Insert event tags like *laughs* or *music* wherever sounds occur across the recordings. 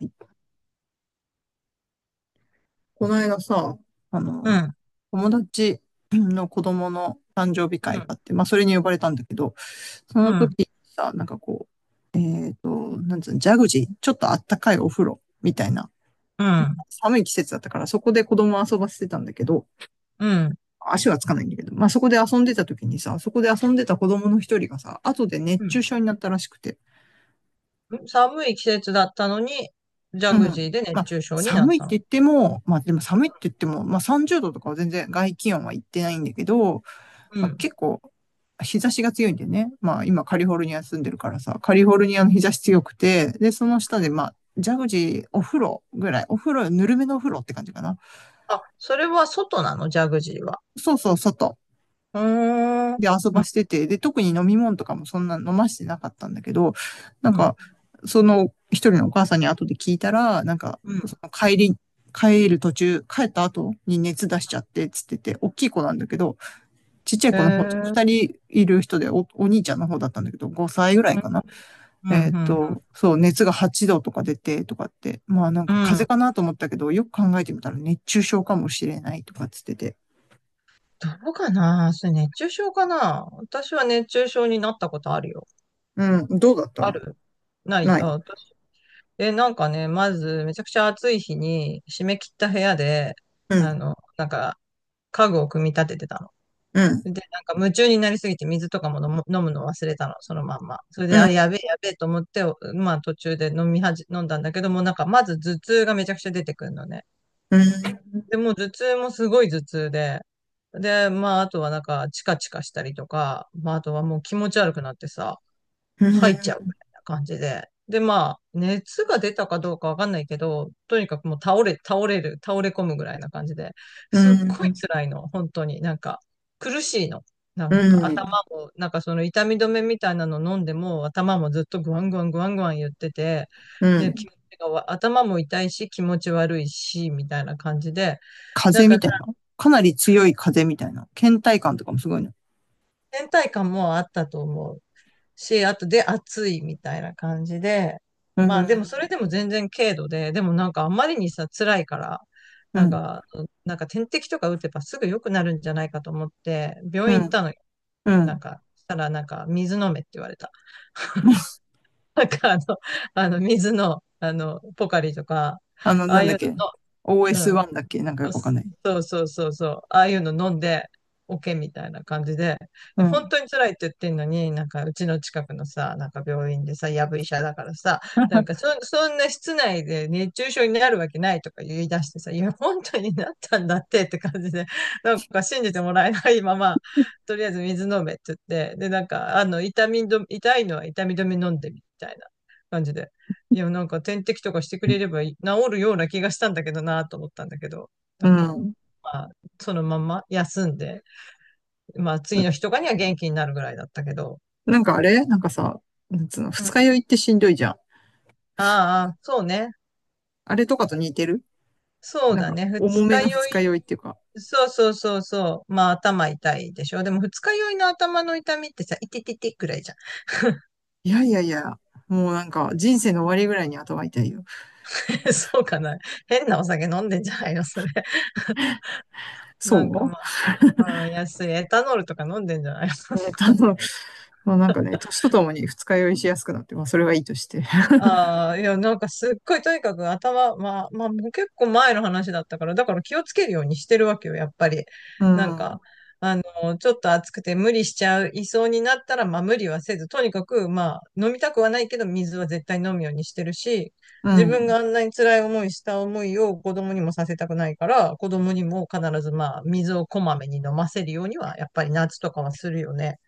はい。この間さ、あうの、ん、友達の子供の誕生日う会があん、って、まあ、それに呼ばれたんだけど、そうのん、時にさ、なんかこう、なんつうの、ジャグジー、ちょっとあったかいお風呂みたいな、うん、寒い季節だったから、そこで子供を遊ばせてたんだけど、うん、足はつかないんだけど、まあ、そこで遊んでた時にさ、そこで遊んでた子供の一人がさ、後で熱う中ん。症になったらしくて。寒い季節だったのに、ジャうん。グジーでま熱あ、中症にな寒っいってたの。言っても、まあ、でも寒いって言っても、まあ、30度とかは全然外気温は行ってないんだけど、うまあ、ん。結構、日差しが強いんでね。まあ今カリフォルニア住んでるからさ、カリフォルニアの日差し強くて、で、その下でまあ、ジャグジーお風呂ぐらい、お風呂、ぬるめのお風呂って感じかな。あ、それは外なの、ジャグジーは。そうそう、外うーん、うで遊ばん、してて、で、特に飲み物とかもそんな飲ましてなかったんだけど、なんうん、か、その一人のお母さんに後で聞いたら、なんか、うそん。の帰り、帰る途中、帰った後に熱出しちゃって、つってて、大きい子なんだけど、ちっちゃいえ子の方、二ー、人いる人でお兄ちゃんの方だったんだけど、5歳ぐらういかん、な。うん、うん。そう、熱が8度とか出てとかって、まあなんうか風邪ん、かなと思ったけど、よく考えてみたら熱中症かもしれないとかっつってて。どうかな。それ熱中症かな。私は熱中症になったことあるよ。うん、どうだっあた。る、ない。なあ、い。私。え、なんかね、まず、めちゃくちゃ暑い日に、締め切った部屋で、うん、なんか、家具を組み立ててたうん、の。で、なんか夢中になりすぎて水とかも飲むの忘れたの、そのまんま。それうで、ん、あ、やべえ、やべえと思って、お、まあ途中で飲みはじ、飲んだんだけども、なんかまず頭痛がめちゃくちゃ出てくるのね。うん、うん、で、もう頭痛もすごい頭痛で、で、まああとはなんかチカチカしたりとか、まああとはもう気持ち悪くなってさ、入っちゃうみたいな感じで。で、まあ、熱が出たかどうかわかんないけど、とにかくもう倒れ込むぐらいな感じで、すっごい辛いの、本当に。なんか、苦しいの。なうんか、頭ん、も、なんかその痛み止めみたいなの飲んでも、頭もずっとグワングワングワングワン言ってて、うで、ん。気持ちがわ頭も痛いし、気持ち悪いし、みたいな感じで、な風ん邪かみさ、たいな。かなり強い風邪みたいな。倦怠感とかもすごいね。倦怠感もあったと思う。し、あとで暑いみたいな感じで、うまあでもそん、れでも全然軽度で、でもなんかあんまりにさ、辛いから、うなんん、か、なんか点滴とか打てばすぐ良くなるんじゃないかと思って、う病院行ったん、のよ。うなんん。か、したらなんか水飲めって言われた。なんかあの、あの水の、あの、ポカリとか、あなあんいだっうけ の、うん、 ?OS1 だっけなんかよあ、くわかんす、ない。そうそうそうそう。ああいうの飲んで、オケみたいな感じで。いうや、本ん。当に辛いって言ってんのに、なんかうちの近くのさ、なんか病院でさ、やぶ医者だからさ、そんな室内で熱中症になるわけないとか言い出してさ、いや、本当になったんだってって感じで、なんか信じてもらえないまま、とりあえず水飲めって言って、で、なんか、あの、痛いのは痛み止め飲んでみたいな感じで。いや、なんか点滴とかしてくれればいい治るような気がしたんだけどなと思ったんだけど。なうんか、ん。まあ、そのまま休んで、まあ、次なの日とかには元気になるぐらいだったけど、んかあれなんかさ、なんつうの、う二ん、日酔いってしんどいじゃん。ああ、そうね。あれとかと似てる。そうなんだか、ね。二重め日の酔二日酔いっていうか。い、そうそうそうそう。まあ、頭痛いでしょ。でも、二日酔いの頭の痛みってさ、いてててくらいじゃん。いやいやいや、もうなんか、人生の終わりぐらいに頭痛いよ。*laughs* そうかな。変なお酒飲んでんじゃないの、それ。なんかそまあ、あの、安いエタノールとか飲んでんじゃない。うもうなんかね、年とともに二日酔いしやすくなって、まあ、それはいいとして。ああ、いや、なんかすっごいとにかく頭、まあ、まあ、もう結構前の話だったから、だから気をつけるようにしてるわけよ、やっぱり。うなんか、ん、あの、ちょっと暑くて無理しちゃう、いそうになったら、まあ無理はせず、とにかく、まあ、飲みたくはないけど、水は絶対飲むようにしてるし、う自分ん、があんなに辛い思いした思いを子供にもさせたくないから、子供にも必ずまあ、水をこまめに飲ませるようには、やっぱり夏とかはするよね。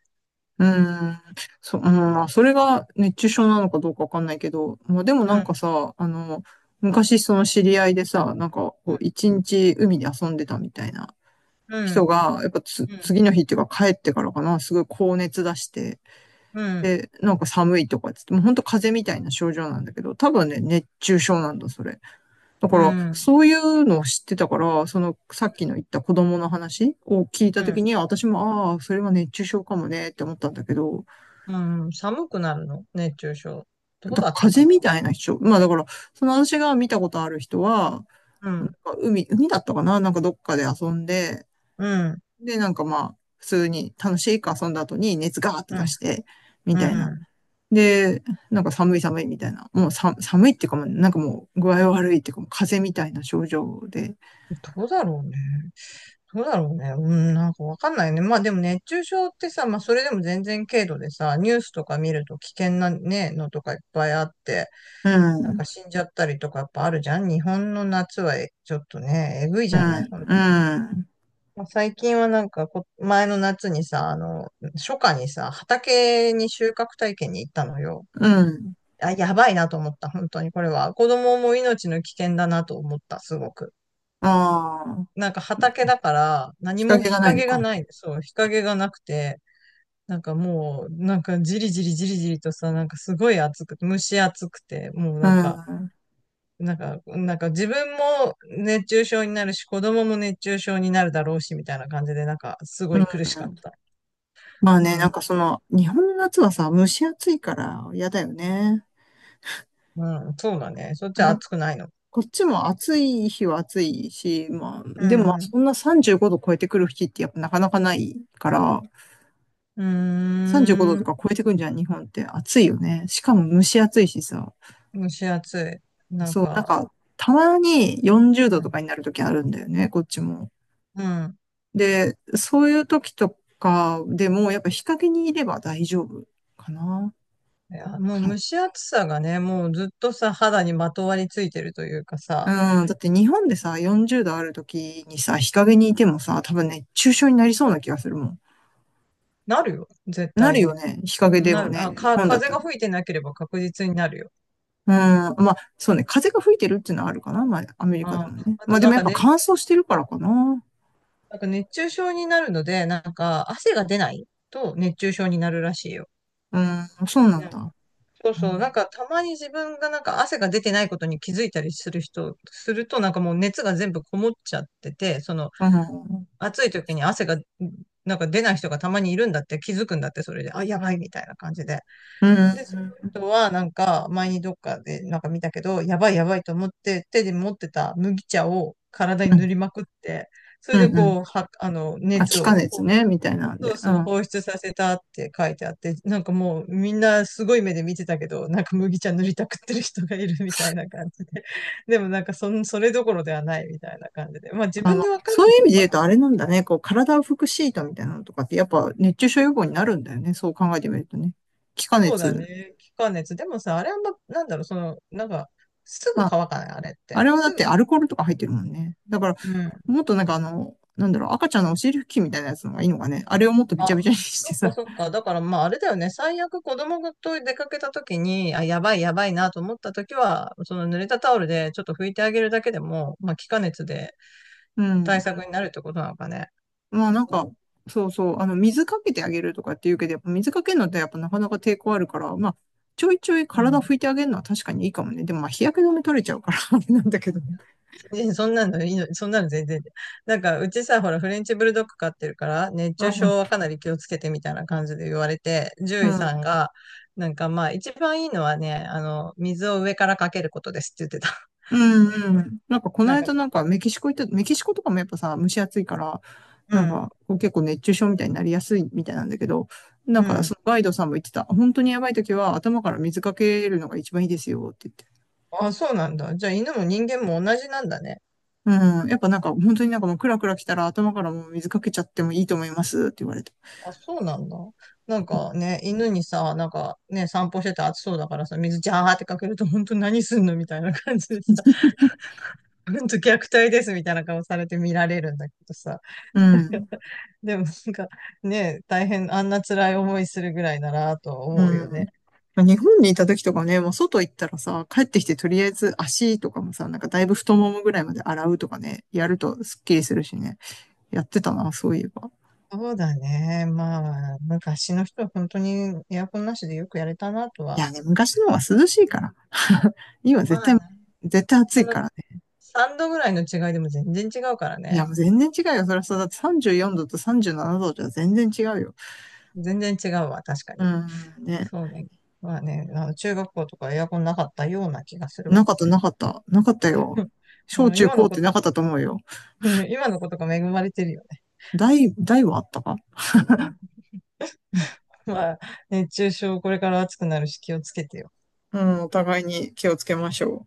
うん。うん、まあ、それが熱中症なのかどうかわかんないけど、まあ、でもうなんん、かさ、昔その知り合いでさ、なんかこう一日海で遊んでたみたいなう人ん、が、やっぱつ、うん、次の日っていうか帰ってからかな、すごい高熱出して、うん、で、なんか寒いとかっつって、もう本当風邪みたいな症状なんだけど、多分ね、熱中症なんだ、それ。だかうら、ん、そういうのを知ってたから、その、さっきの言った子供の話を聞いうたときん。に、私も、ああ、それは熱中症かもね、って思ったんだけど、うん、寒くなるの熱中症。どうだだったか風邪みな。たいな人、まあだから、その私が見たことある人は、うなんかん、海だったかななんかどっかで遊んで、うん、で、なんかまあ、普通に楽しいく遊んだ後に熱ガーってう出ん、して、みうたいな。ん。で、なんか寒い寒いみたいな。もうさ寒いっていうかもなんかもう具合悪いっていうかもう風邪みたいな症状で。どうだろうね。どうだろうね。うん、なんかわかんないね。まあでも熱中症ってさ、まあそれでも全然軽度でさ、ニュースとか見ると危険なね、のとかいっぱいあって、うなんん、か死んじゃったりとかやっぱあるじゃん。日本の夏はえちょっとね、えぐいうじゃない。ん、ほん、うん、まあ最近はなんかこ、前の夏にさ、あの、初夏にさ、畑に収穫体験に行ったのよ。うん。あ、やばいなと思った、本当にこれは。子供も命の危険だなと思った、すごく。ああ、なんか畑だから、何日も陰が日ないの陰がか。ない、そう、日陰がなくて、なんかもう、なんかじりじりじりじりとさ、なんかすごい暑く、蒸し暑くて、もううなんか、ん、なんか、なんか自分も熱中症になるし、子供も熱中症になるだろうし、みたいな感じで、なんかすごうん。い苦しかった。まあうね、なんん。かその、日本の夏はさ、蒸し暑いから嫌だよね。うん、そうだね。そっちは暑くないの。こっちも暑い日は暑いし、まあ、うでもまあん。そんな35度超えてくる日ってやっぱなかなかないから、う35度ーとん。か超えてくんじゃん、日本って暑いよね。しかも蒸し暑いしさ。蒸し暑い。なんそう、なんか、か、たまに40度とかになる時あるんだよね、こっちも。うん。で、そういう時とかでもやっぱ日陰にいれば大丈夫かな。いや、もはうい。蒸し暑さがね、もうずっとさ、肌にまとわりついてるというかさ、うん、だって日本でさ、40度ある時にさ、日陰にいてもさ、多分ね、熱中症になりそうな気がするもん。なるよ、絶な対るよに。ね。日陰でなもる。ね、あ、日か、本だっ風たがら。吹いてなければ確実になるよ。うん。まあ、そうね。風が吹いてるっていうのはあるかな。まあ、アメリカであ、もね。あまとあ、でなもんやっかぱね、乾燥してるからかな。なんか熱中症になるので、なんか汗が出ないと熱中症になるらしいよ。うん。そうなうんん、だ。そううそう。なんん。かたまに自分がなんか汗が出てないことに気づいたりする人、するとなんかもう熱が全部こもっちゃってて、そのうん。うん。暑い時に汗が、なんか出ない人がたまにいるんだって気づくんだって、それで。あ、やばいみたいな感じで。うで、そん。の人はなんか前にどっかでなんか見たけど、やばいやばいと思って手で持ってた麦茶を体に塗りまくって、それうでん。うん。こう、は、あの、あ、気熱化を、熱ね、みたいなんそうで。うん。そう、あ、放出させたって書いてあって、なんかもうみんなすごい目で見てたけど、なんか麦茶塗りたくってる人がいるみたいな感じで。でもなんかそれどころではないみたいな感じで。まあ自ま分あ、でわかそるうん、いう意味で言わ、うとあれなんだね。こう、体を拭くシートみたいなのとかって、やっぱ熱中症予防になるんだよね。そう考えてみるとね。気化そうだ熱。ね。気化熱。でもさ、あれはま、なんだろう、その、なんか、すぐまあ、乾かない、あれっあて。れはだすってぐ。アルコールとか入ってるもんね。だから、うん。もっとなんかなんだろう、赤ちゃんのお尻拭きみたいなやつの方がいいのかね。あれをもっとびあ、ちゃびちゃにしそてっかさ。そっか。だからまあ、あれだよね。最悪子供と出かけた時に、あ、やばいやばいなと思った時は、その濡れたタオルでちょっと拭いてあげるだけでも、まあ、気化熱でう対ん。策になるってことなのかね。まあなんか、そうそう、水かけてあげるとかって言うけど、やっぱ水かけるのってやっぱなかなか抵抗あるから、まあ、ちょいちょいう体ん。拭いてあげるのは確かにいいかもね。でもまあ日焼け止め取れちゃうから *laughs* あれなんだけどね。*laughs* 全然そんなのいいの、そんなの全然で。なんか、うちさ、ほら、フレンチブルドッグ飼ってるから、熱う中ん。症はかなり気をつけてみたいな感じで言われて、う獣医さんんが、なんかまあ、一番いいのはね、あの、水を上からかけることですって言ってた。*laughs* うんうん。なんかこのなん間か、なんかメキシコ行った、メキシコとかもやっぱさ、蒸し暑いから、うなんん、かこう結構熱中症みたいになりやすいみたいなんだけど、なんうかそん。のガイドさんも言ってた、本当にやばい時は頭から水かけるのが一番いいですよって言って。あ、そうなんだ。じゃあ、犬も人間も同じなんだね。うん。やっぱなんか本当になんかもうクラクラ来たら頭からもう水かけちゃってもいいと思いますって言われた。あ、そうなんだ。なんかね、犬にさ、なんかね、散歩してて暑そうだからさ、水ジャーってかけると、本当何すんのみたいな感じでさ、*laughs* 本んと虐待ですみたいな顔されて見られるんだけどさ。うん。*laughs* でもなんかね、大変、あんな辛い思いするぐらいならとう思うよね。ん。まあ日本にいた時とかね、もう外行ったらさ、帰ってきてとりあえず足とかもさ、なんかだいぶ太ももぐらいまで洗うとかね、やるとスッキリするしね。やってたな、そういえば。そうだね。まあ、昔の人は本当にエアコンなしでよくやれたなといは。やね、昔の方が涼しいから。*laughs* 今絶まあ対、ね、絶対暑そいのからね。3度ぐらいの違いでも全然違うからいや、ね。もう全然違うよ。そりゃそうだって34度と37度じゅうななどじゃ全然違うよ。全然違うわ、確かうに。ーん、ね。そうね。まあね、あの中学校とかエアコンなかったような気がするなわ。かった、なかった。なかったよ。*laughs* う小ん中今高のっこてなと、かったと思うよ。うん、今のことが恵まれてるよね。大はあったか。まあ、熱中症これから暑くなるし気をつけてよ。うん、お互いに気をつけましょう。